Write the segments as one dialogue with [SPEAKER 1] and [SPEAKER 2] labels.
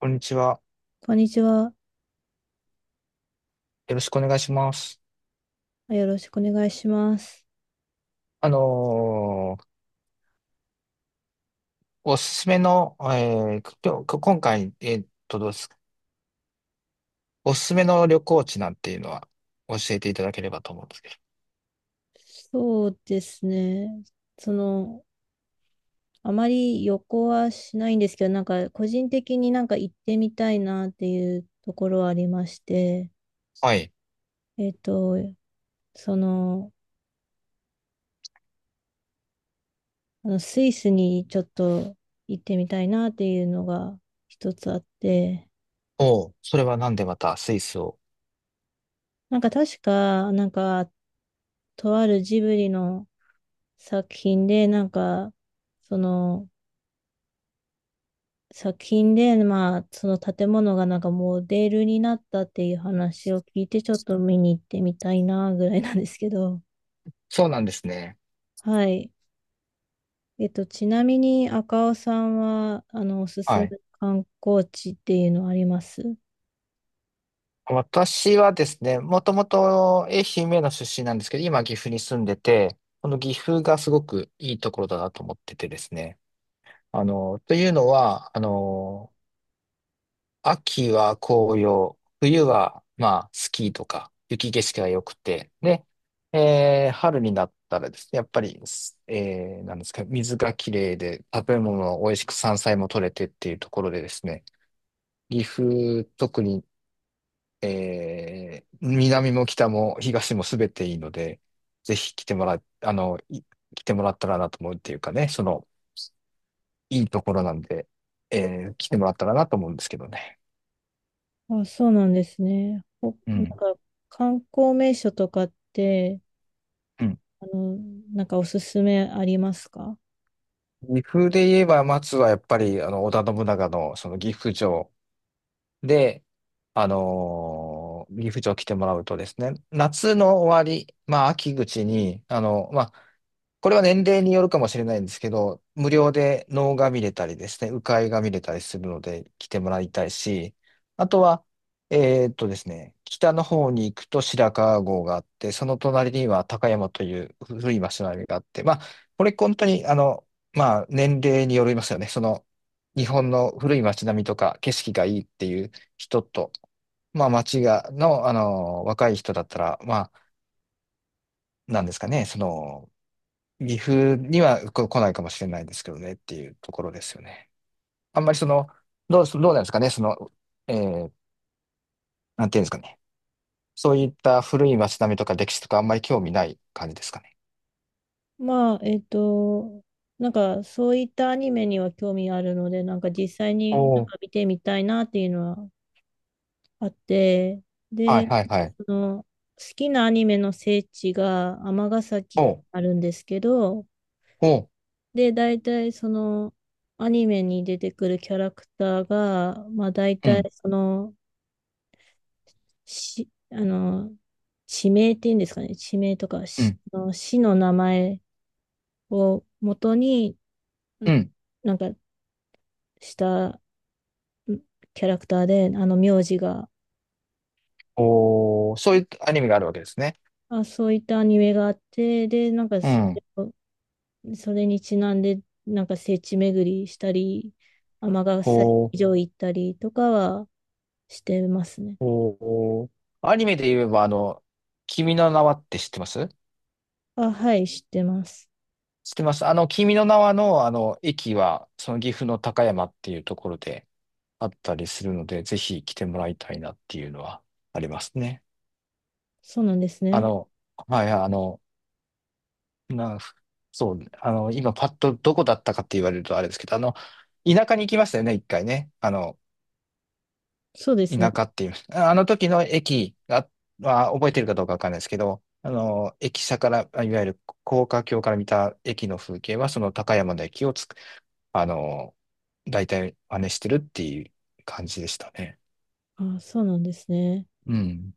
[SPEAKER 1] こんにちは。
[SPEAKER 2] こんにちは。
[SPEAKER 1] よろしくお願いします。
[SPEAKER 2] よろしくお願いします。
[SPEAKER 1] あのーおすすめの、今回、どうですか。おすすめの旅行地なんていうのは教えていただければと思うんですけど。
[SPEAKER 2] そうですね。その、あまり旅行はしないんですけど、なんか個人的になんか行ってみたいなっていうところはありまして、
[SPEAKER 1] はい。
[SPEAKER 2] えっと、その、あのスイスにちょっと行ってみたいなっていうのが一つあって、
[SPEAKER 1] おう、それはなんでまたスイスを。
[SPEAKER 2] なんか確か、なんか、とあるジブリの作品で、なんか、その、作品で、まあ、その建物がなんかモデルになったっていう話を聞いて、ちょっと見に行ってみたいなぐらいなんですけど、
[SPEAKER 1] そうなんですね。
[SPEAKER 2] はい。えっと、ちなみに赤尾さんは、あの、おすす
[SPEAKER 1] は
[SPEAKER 2] め
[SPEAKER 1] い。
[SPEAKER 2] の観光地っていうのはあります
[SPEAKER 1] 私はですね、もともと愛媛の出身なんですけど、今岐阜に住んでて、この岐阜がすごくいいところだなと思っててですね。あの、というのは、あの、秋は紅葉、冬は、まあ、スキーとか、雪景色が良くて、で、春になったらですね、やっぱり、すえーなんですか、水がきれいで、食べ物も美味しく山菜も取れてっていうところでですね、岐阜、特に、南も北も東も全ていいので、ぜひ来てもらったらなと思うっていうかね、その、いいところなんで、え来てもらったらなと思うんですけどね。
[SPEAKER 2] あ、そうなんですね。ほ
[SPEAKER 1] う
[SPEAKER 2] なん
[SPEAKER 1] ん。
[SPEAKER 2] か、観光名所とかって、
[SPEAKER 1] うん、
[SPEAKER 2] あの、なんかおすすめありますか。
[SPEAKER 1] 岐阜で言えば、松はやっぱり、あの、織田信長の、その岐阜城で、ギフジョー来てもらうとですね、夏の終わり、まあ、秋口に、あの、まあ、これは年齢によるかもしれないんですけど、無料で能が見れたりですね、鵜飼が見れたりするので来てもらいたいし、あとは、ですね、北の方に行くと白川郷があって、その隣には高山という古い町並みがあって、まあ、これ本当に、あの、まあ、年齢によりますよね。その、日本の古い町並みとか景色がいいっていう人と、まあ、町が、の、あの、若い人だったら、まあ、なんですかね、その、岐阜には来ないかもしれないですけどねっていうところですよね。あんまりその、どうなんですかね、その、えー、なんていうんですかね。そういった古い町並みとか歴史とかあんまり興味ない感じですかね。
[SPEAKER 2] まあ、えっと、なんかそういったアニメには興味あるので、なんか実際
[SPEAKER 1] お
[SPEAKER 2] になん
[SPEAKER 1] ー、
[SPEAKER 2] か見てみたいなっていうのはあって、
[SPEAKER 1] はい
[SPEAKER 2] で、
[SPEAKER 1] はいはい。
[SPEAKER 2] その好きなアニメの聖地が尼
[SPEAKER 1] お
[SPEAKER 2] 崎
[SPEAKER 1] う、
[SPEAKER 2] あるんですけど、
[SPEAKER 1] おう、
[SPEAKER 2] で、大体そのアニメに出てくるキャラクターが、まあ大
[SPEAKER 1] う
[SPEAKER 2] 体
[SPEAKER 1] ん、
[SPEAKER 2] その、し、あの、地名っていうんですかね、地名とか、
[SPEAKER 1] う
[SPEAKER 2] し
[SPEAKER 1] ん、
[SPEAKER 2] あの市の名前を元に、ん
[SPEAKER 1] うん。
[SPEAKER 2] なんかしたキャラクターで、あの名字が、
[SPEAKER 1] おー、そういうアニメがあるわけですね。
[SPEAKER 2] あ、そういったアニメがあって、で、なんか
[SPEAKER 1] う
[SPEAKER 2] それ
[SPEAKER 1] ん。
[SPEAKER 2] を、それにちなんで、なんか聖地巡りしたり、尼
[SPEAKER 1] お
[SPEAKER 2] 崎
[SPEAKER 1] ー、
[SPEAKER 2] 城行ったりとかはしてますね。
[SPEAKER 1] おー、アニメで言えば、あの、君の名はって知ってます？
[SPEAKER 2] あ、はい、知ってます。
[SPEAKER 1] 知ってます。あの、君の名はの、あの、駅は、その岐阜の高山っていうところであったりするので、ぜひ来てもらいたいなっていうのはありますね。
[SPEAKER 2] そうなんです
[SPEAKER 1] あ
[SPEAKER 2] ね。
[SPEAKER 1] の、はい、あの、な、そう、あの、今パッとどこだったかって言われるとあれですけど、あの、田舎に行きましたよね、一回ね。あの、
[SPEAKER 2] そうで
[SPEAKER 1] 田
[SPEAKER 2] すね。
[SPEAKER 1] 舎っていう、あの時の駅は覚えてるかどうかわかんないですけど、あの、駅舎から、いわゆる高架橋から見た駅の風景は、その高山の駅をつく、あの、大体真似してるっていう感じでしたね。
[SPEAKER 2] あ、そうなんですね。
[SPEAKER 1] うん。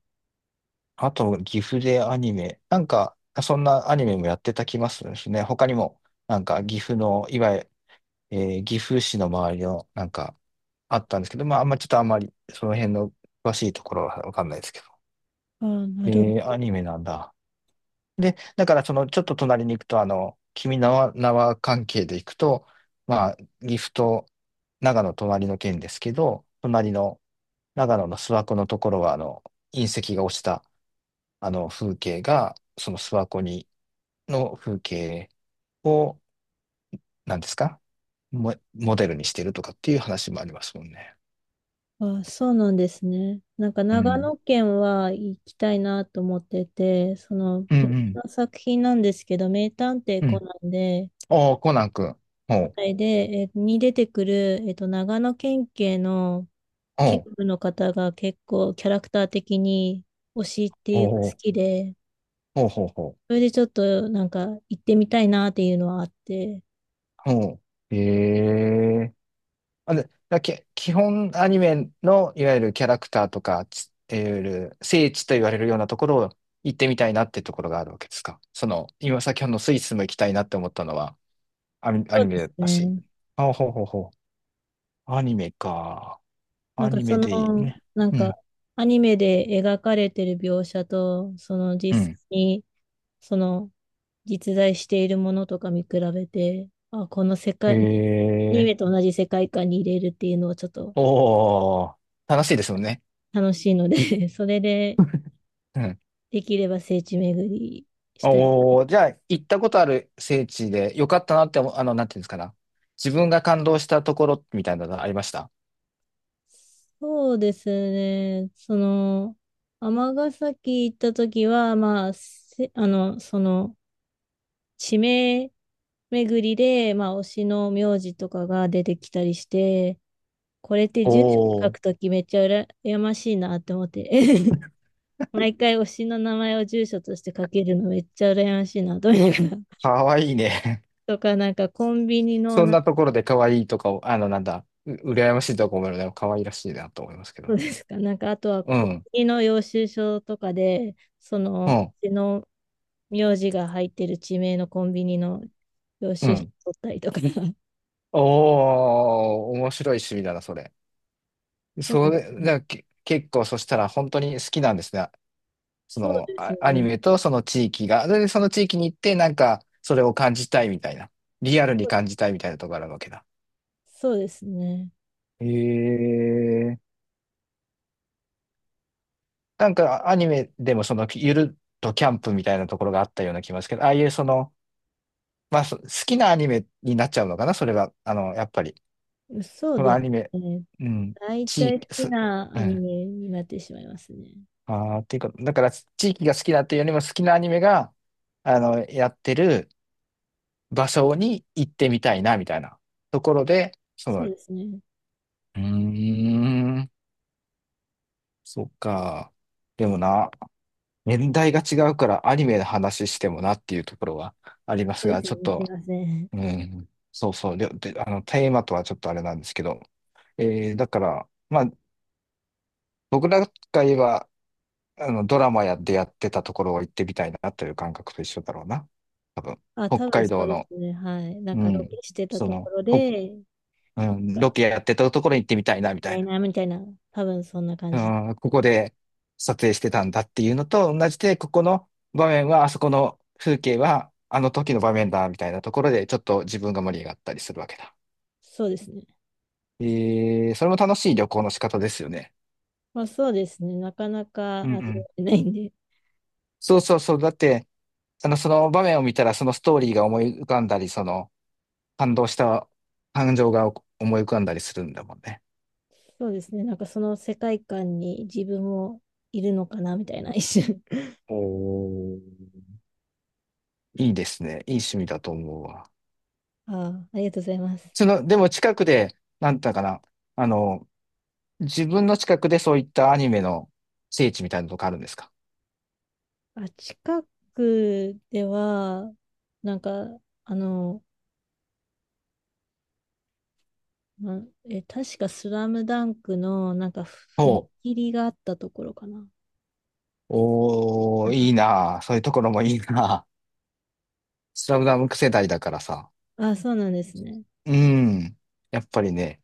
[SPEAKER 1] あと、岐阜でアニメ。なんか、そんなアニメもやってた気まするですね。他にも、なんか、岐阜の、いわゆる、え岐阜市の周りの、なんか、あったんですけど、まあ、あんまちょっとあんまり、その辺の詳しいところはわかんないですけど。
[SPEAKER 2] あ、なるほ
[SPEAKER 1] えアニメなんだ。で、だからその、ちょっと隣に行くと、あの、君の名は関係で行くと、まあ、岐阜と長野隣の県ですけど、隣の長野の諏訪湖のところは、あの、隕石が落ちた、あの、風景が、その諏訪湖に、の風景を、なんですかモデルにしてるとかっていう話もありますもんね。
[SPEAKER 2] ど。あ、そうなんですね。なんか
[SPEAKER 1] う
[SPEAKER 2] 長
[SPEAKER 1] ん。
[SPEAKER 2] 野県は行きたいなと思ってて、その
[SPEAKER 1] うん
[SPEAKER 2] 別
[SPEAKER 1] うん。
[SPEAKER 2] の作品なんですけど、名探偵
[SPEAKER 1] う
[SPEAKER 2] コ
[SPEAKER 1] ん。
[SPEAKER 2] ナンで、
[SPEAKER 1] おー、コナン君。ほう。
[SPEAKER 2] はい。で、えーに出てくる、えっと、長野県警の警
[SPEAKER 1] ほ
[SPEAKER 2] 部
[SPEAKER 1] う。
[SPEAKER 2] の方が結構キャラクター的に推しってい
[SPEAKER 1] ほ
[SPEAKER 2] う
[SPEAKER 1] う
[SPEAKER 2] か好
[SPEAKER 1] ほう。
[SPEAKER 2] きで、
[SPEAKER 1] ほうほうほう。
[SPEAKER 2] それでちょっとなんか行ってみたいなっていうのはあって、
[SPEAKER 1] ほう。ええ、あ、で、基本アニメのいわゆるキャラクターとか、いわゆる聖地と言われるようなところを行ってみたいなってところがあるわけですか。その、今先ほどのスイスも行きたいなって思ったのはア
[SPEAKER 2] そう
[SPEAKER 1] ニ
[SPEAKER 2] で
[SPEAKER 1] メ
[SPEAKER 2] す
[SPEAKER 1] だし。
[SPEAKER 2] ね。
[SPEAKER 1] あ、ほうほうほう。アニメか。
[SPEAKER 2] なん
[SPEAKER 1] ア
[SPEAKER 2] か
[SPEAKER 1] ニ
[SPEAKER 2] そ
[SPEAKER 1] メでいい
[SPEAKER 2] の、
[SPEAKER 1] ね。
[SPEAKER 2] なん
[SPEAKER 1] う
[SPEAKER 2] か
[SPEAKER 1] ん、
[SPEAKER 2] アニメで描かれてる描写と、その
[SPEAKER 1] う
[SPEAKER 2] 実
[SPEAKER 1] ん。
[SPEAKER 2] 際に、その実在しているものとか見比べて、あ、この世
[SPEAKER 1] へ
[SPEAKER 2] 界、アニ
[SPEAKER 1] え。
[SPEAKER 2] メと同じ世界観に入れるっていうのはちょっと
[SPEAKER 1] おー、楽しいですもんね。
[SPEAKER 2] 楽しいので それで、
[SPEAKER 1] うん。
[SPEAKER 2] できれば聖地巡りしたい。
[SPEAKER 1] おー、じゃあ、行ったことある聖地で、よかったなって思う、あの、なんていうんですかな。自分が感動したところみたいなのありました。
[SPEAKER 2] そうですね。その、尼崎行った時は、まあ、その、地名巡りで、まあ、推しの名字とかが出てきたりして、これって住所
[SPEAKER 1] お
[SPEAKER 2] 書
[SPEAKER 1] ー、
[SPEAKER 2] くときめっちゃ羨やましいなって思って、毎回推しの名前を住所として書けるのめっちゃ羨ましいなと思いながら。
[SPEAKER 1] かわいいね。
[SPEAKER 2] とか、なんかコンビニ の
[SPEAKER 1] そん
[SPEAKER 2] なん
[SPEAKER 1] なところでかわいいとかを、あの、なんだ、羨ましいとか思うので、かわいらしいなと思いますけ
[SPEAKER 2] そ
[SPEAKER 1] ど。
[SPEAKER 2] うですか。なんか、あとは、
[SPEAKER 1] う
[SPEAKER 2] 国
[SPEAKER 1] ん、
[SPEAKER 2] 旗の領収書とかで、そ
[SPEAKER 1] う
[SPEAKER 2] の、う
[SPEAKER 1] ん、
[SPEAKER 2] ちの名字が入ってる地名のコンビニの領
[SPEAKER 1] う
[SPEAKER 2] 収書
[SPEAKER 1] ん。
[SPEAKER 2] 取ったりとか。
[SPEAKER 1] おー、面白い趣味だな、それ。
[SPEAKER 2] そ
[SPEAKER 1] それ、
[SPEAKER 2] う
[SPEAKER 1] だから結構、そしたら本当に好きなんですね。そ
[SPEAKER 2] そう
[SPEAKER 1] の
[SPEAKER 2] です
[SPEAKER 1] あアニ
[SPEAKER 2] ね。
[SPEAKER 1] メとその地域が、で、その地域に行って、なんか、それを感じたいみたいな。リアルに感じたいみたいなところがあるわけだ。
[SPEAKER 2] そうですね。
[SPEAKER 1] へえ。なんか、アニメでもその、ゆるっとキャンプみたいなところがあったような気がしますけど、ああいうその、まあ、好きなアニメになっちゃうのかな、それは。あの、やっぱり。
[SPEAKER 2] そう
[SPEAKER 1] その
[SPEAKER 2] で
[SPEAKER 1] ア
[SPEAKER 2] す
[SPEAKER 1] ニメ、
[SPEAKER 2] ね。
[SPEAKER 1] うん、
[SPEAKER 2] 大
[SPEAKER 1] 地
[SPEAKER 2] 体好
[SPEAKER 1] 域、
[SPEAKER 2] きな
[SPEAKER 1] う
[SPEAKER 2] アニ
[SPEAKER 1] ん。
[SPEAKER 2] メになってしまいますね。
[SPEAKER 1] ああ、っていうか、だから、地域が好きだっていうよりも好きなアニメが、あの、やってる、場所に行ってみたいな、みたいなところで、その、
[SPEAKER 2] そう
[SPEAKER 1] う
[SPEAKER 2] ですね。
[SPEAKER 1] ーん、そっか。でもな、年代が違うからアニメの話してもなっていうところはあります
[SPEAKER 2] そうで
[SPEAKER 1] が、
[SPEAKER 2] すね。
[SPEAKER 1] ちょっ
[SPEAKER 2] す
[SPEAKER 1] と、
[SPEAKER 2] いません。
[SPEAKER 1] うん、そうそう、で、あの、テーマとはちょっとあれなんですけど、だから、まあ、僕らが言えば、あの、ドラマやってたところを行ってみたいなという感覚と一緒だろうな。多分、
[SPEAKER 2] あ、
[SPEAKER 1] 北
[SPEAKER 2] 多分
[SPEAKER 1] 海
[SPEAKER 2] そ
[SPEAKER 1] 道
[SPEAKER 2] うで
[SPEAKER 1] の、
[SPEAKER 2] すね。はい。なん
[SPEAKER 1] う
[SPEAKER 2] かロケ
[SPEAKER 1] ん、
[SPEAKER 2] してた
[SPEAKER 1] そ
[SPEAKER 2] とこ
[SPEAKER 1] の、
[SPEAKER 2] ろ
[SPEAKER 1] ほ、
[SPEAKER 2] で、なん
[SPEAKER 1] うん、ロ
[SPEAKER 2] か
[SPEAKER 1] ケやってたところに行ってみたいな、みた
[SPEAKER 2] ダ
[SPEAKER 1] い
[SPEAKER 2] イ
[SPEAKER 1] な。
[SPEAKER 2] ナーみたいな、多分そんな感じ。
[SPEAKER 1] うん、ここで撮影してたんだっていうのと同じで、ここの場面は、あそこの風景は、あの時の場面だ、みたいなところで、ちょっと自分が盛り上がったりするわけだ。
[SPEAKER 2] そうですね。
[SPEAKER 1] えそれも楽しい旅行の仕方ですよね。
[SPEAKER 2] まあそうですね。なかなか
[SPEAKER 1] うんう
[SPEAKER 2] 味わ
[SPEAKER 1] ん。
[SPEAKER 2] えないんで。
[SPEAKER 1] そうそうそう。だって、あの、その場面を見たら、そのストーリーが思い浮かんだり、その、感動した感情が思い浮かんだりするんだもんね。
[SPEAKER 2] そうですね。なんかその世界観に自分もいるのかなみたいな一瞬。
[SPEAKER 1] おー、いいですね。いい趣味だと思うわ。
[SPEAKER 2] ああ、ありがとうございます。
[SPEAKER 1] その、でも近くで、なんだかな、あの、自分の近くでそういったアニメの聖地みたいなとこあるんですか。
[SPEAKER 2] あ、近くでは、なんか、あの、ま、確かスラムダンクのなんか踏
[SPEAKER 1] ほう。
[SPEAKER 2] 切があったところかな。
[SPEAKER 1] お
[SPEAKER 2] なん
[SPEAKER 1] ー、
[SPEAKER 2] か、
[SPEAKER 1] いいなあ、そういうところもいいなあ。 スラムダンク世代だからさ。
[SPEAKER 2] あ、そうなんですね。
[SPEAKER 1] うん。やっぱりね、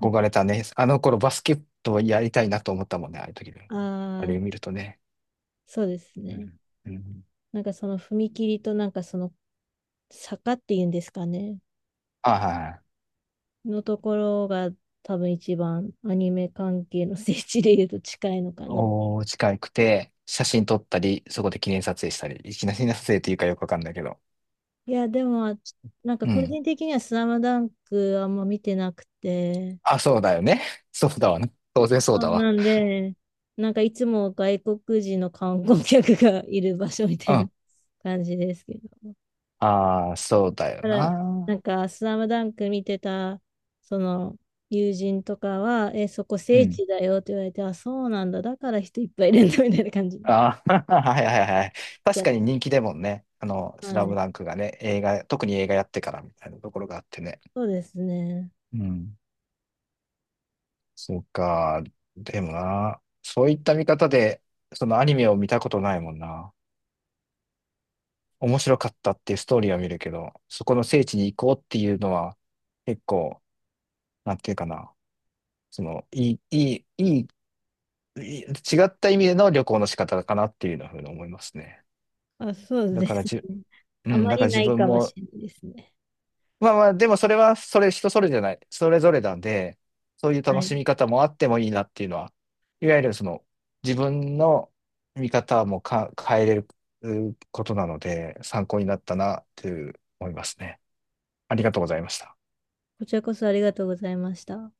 [SPEAKER 2] なんか、
[SPEAKER 1] れたね。あの頃バスケットやりたいなと思ったもんね、ああいう時に。あ
[SPEAKER 2] ああ、
[SPEAKER 1] れを見るとね。
[SPEAKER 2] そうです
[SPEAKER 1] う
[SPEAKER 2] ね。
[SPEAKER 1] ん。うん、
[SPEAKER 2] なんかその踏切となんかその坂っていうんですかね。
[SPEAKER 1] はいはい。
[SPEAKER 2] のところが多分一番アニメ関係の聖地で言うと近いのかな。
[SPEAKER 1] おー、近くて、写真撮ったり、そこで記念撮影したり、記念撮影っていうかよくわかんないけど。
[SPEAKER 2] いや、でも、なんか
[SPEAKER 1] う
[SPEAKER 2] 個
[SPEAKER 1] ん。
[SPEAKER 2] 人的にはスラムダンクあんま見てなくて、
[SPEAKER 1] あ、そうだよね。そうだわね。当然そう
[SPEAKER 2] そ
[SPEAKER 1] だ
[SPEAKER 2] う
[SPEAKER 1] わ。
[SPEAKER 2] なんで、なんかいつも外国人の観光客がいる場所みた
[SPEAKER 1] う
[SPEAKER 2] いな
[SPEAKER 1] ん。
[SPEAKER 2] 感じですけど。
[SPEAKER 1] ああ、そうだよ
[SPEAKER 2] ただ、な
[SPEAKER 1] な。
[SPEAKER 2] んかスラムダンク見てた、その、友人とかは、え、そこ
[SPEAKER 1] う
[SPEAKER 2] 聖
[SPEAKER 1] ん。
[SPEAKER 2] 地だよって言われて、あ、そうなんだ、だから人いっぱいいるんだみたいな感じになっ
[SPEAKER 1] ああ、はいはいはい。
[SPEAKER 2] ち
[SPEAKER 1] 確
[SPEAKER 2] ゃ
[SPEAKER 1] かに人気でもんね。あの、
[SPEAKER 2] う。
[SPEAKER 1] スラ
[SPEAKER 2] は
[SPEAKER 1] ム
[SPEAKER 2] い。
[SPEAKER 1] ダンクがね、映画、特に映画やってからみたいなところがあってね。
[SPEAKER 2] そうですね。
[SPEAKER 1] うん。そうか。でもな、そういった見方で、そのアニメを見たことないもんな。面白かったっていうストーリーは見るけど、そこの聖地に行こうっていうのは、結構、なんていうかな。その、いい、いい、いい、いい違った意味での旅行の仕方かなっていうのふうに思いますね。
[SPEAKER 2] あ、そう
[SPEAKER 1] だ
[SPEAKER 2] です
[SPEAKER 1] から自
[SPEAKER 2] ね。
[SPEAKER 1] う
[SPEAKER 2] あ
[SPEAKER 1] ん、
[SPEAKER 2] ま
[SPEAKER 1] だか
[SPEAKER 2] り
[SPEAKER 1] ら
[SPEAKER 2] な
[SPEAKER 1] 自
[SPEAKER 2] い
[SPEAKER 1] 分
[SPEAKER 2] かもし
[SPEAKER 1] も、
[SPEAKER 2] れないですね。
[SPEAKER 1] まあまあ、でもそれは、それ人それじゃない、それぞれなんで、そういう
[SPEAKER 2] は
[SPEAKER 1] 楽
[SPEAKER 2] い。
[SPEAKER 1] しみ方もあってもいいなっていうのは、いわゆるその、自分の見方も変えれるうことなので、参考になったなっていう思いますね。ありがとうございました。
[SPEAKER 2] こちらこそありがとうございました。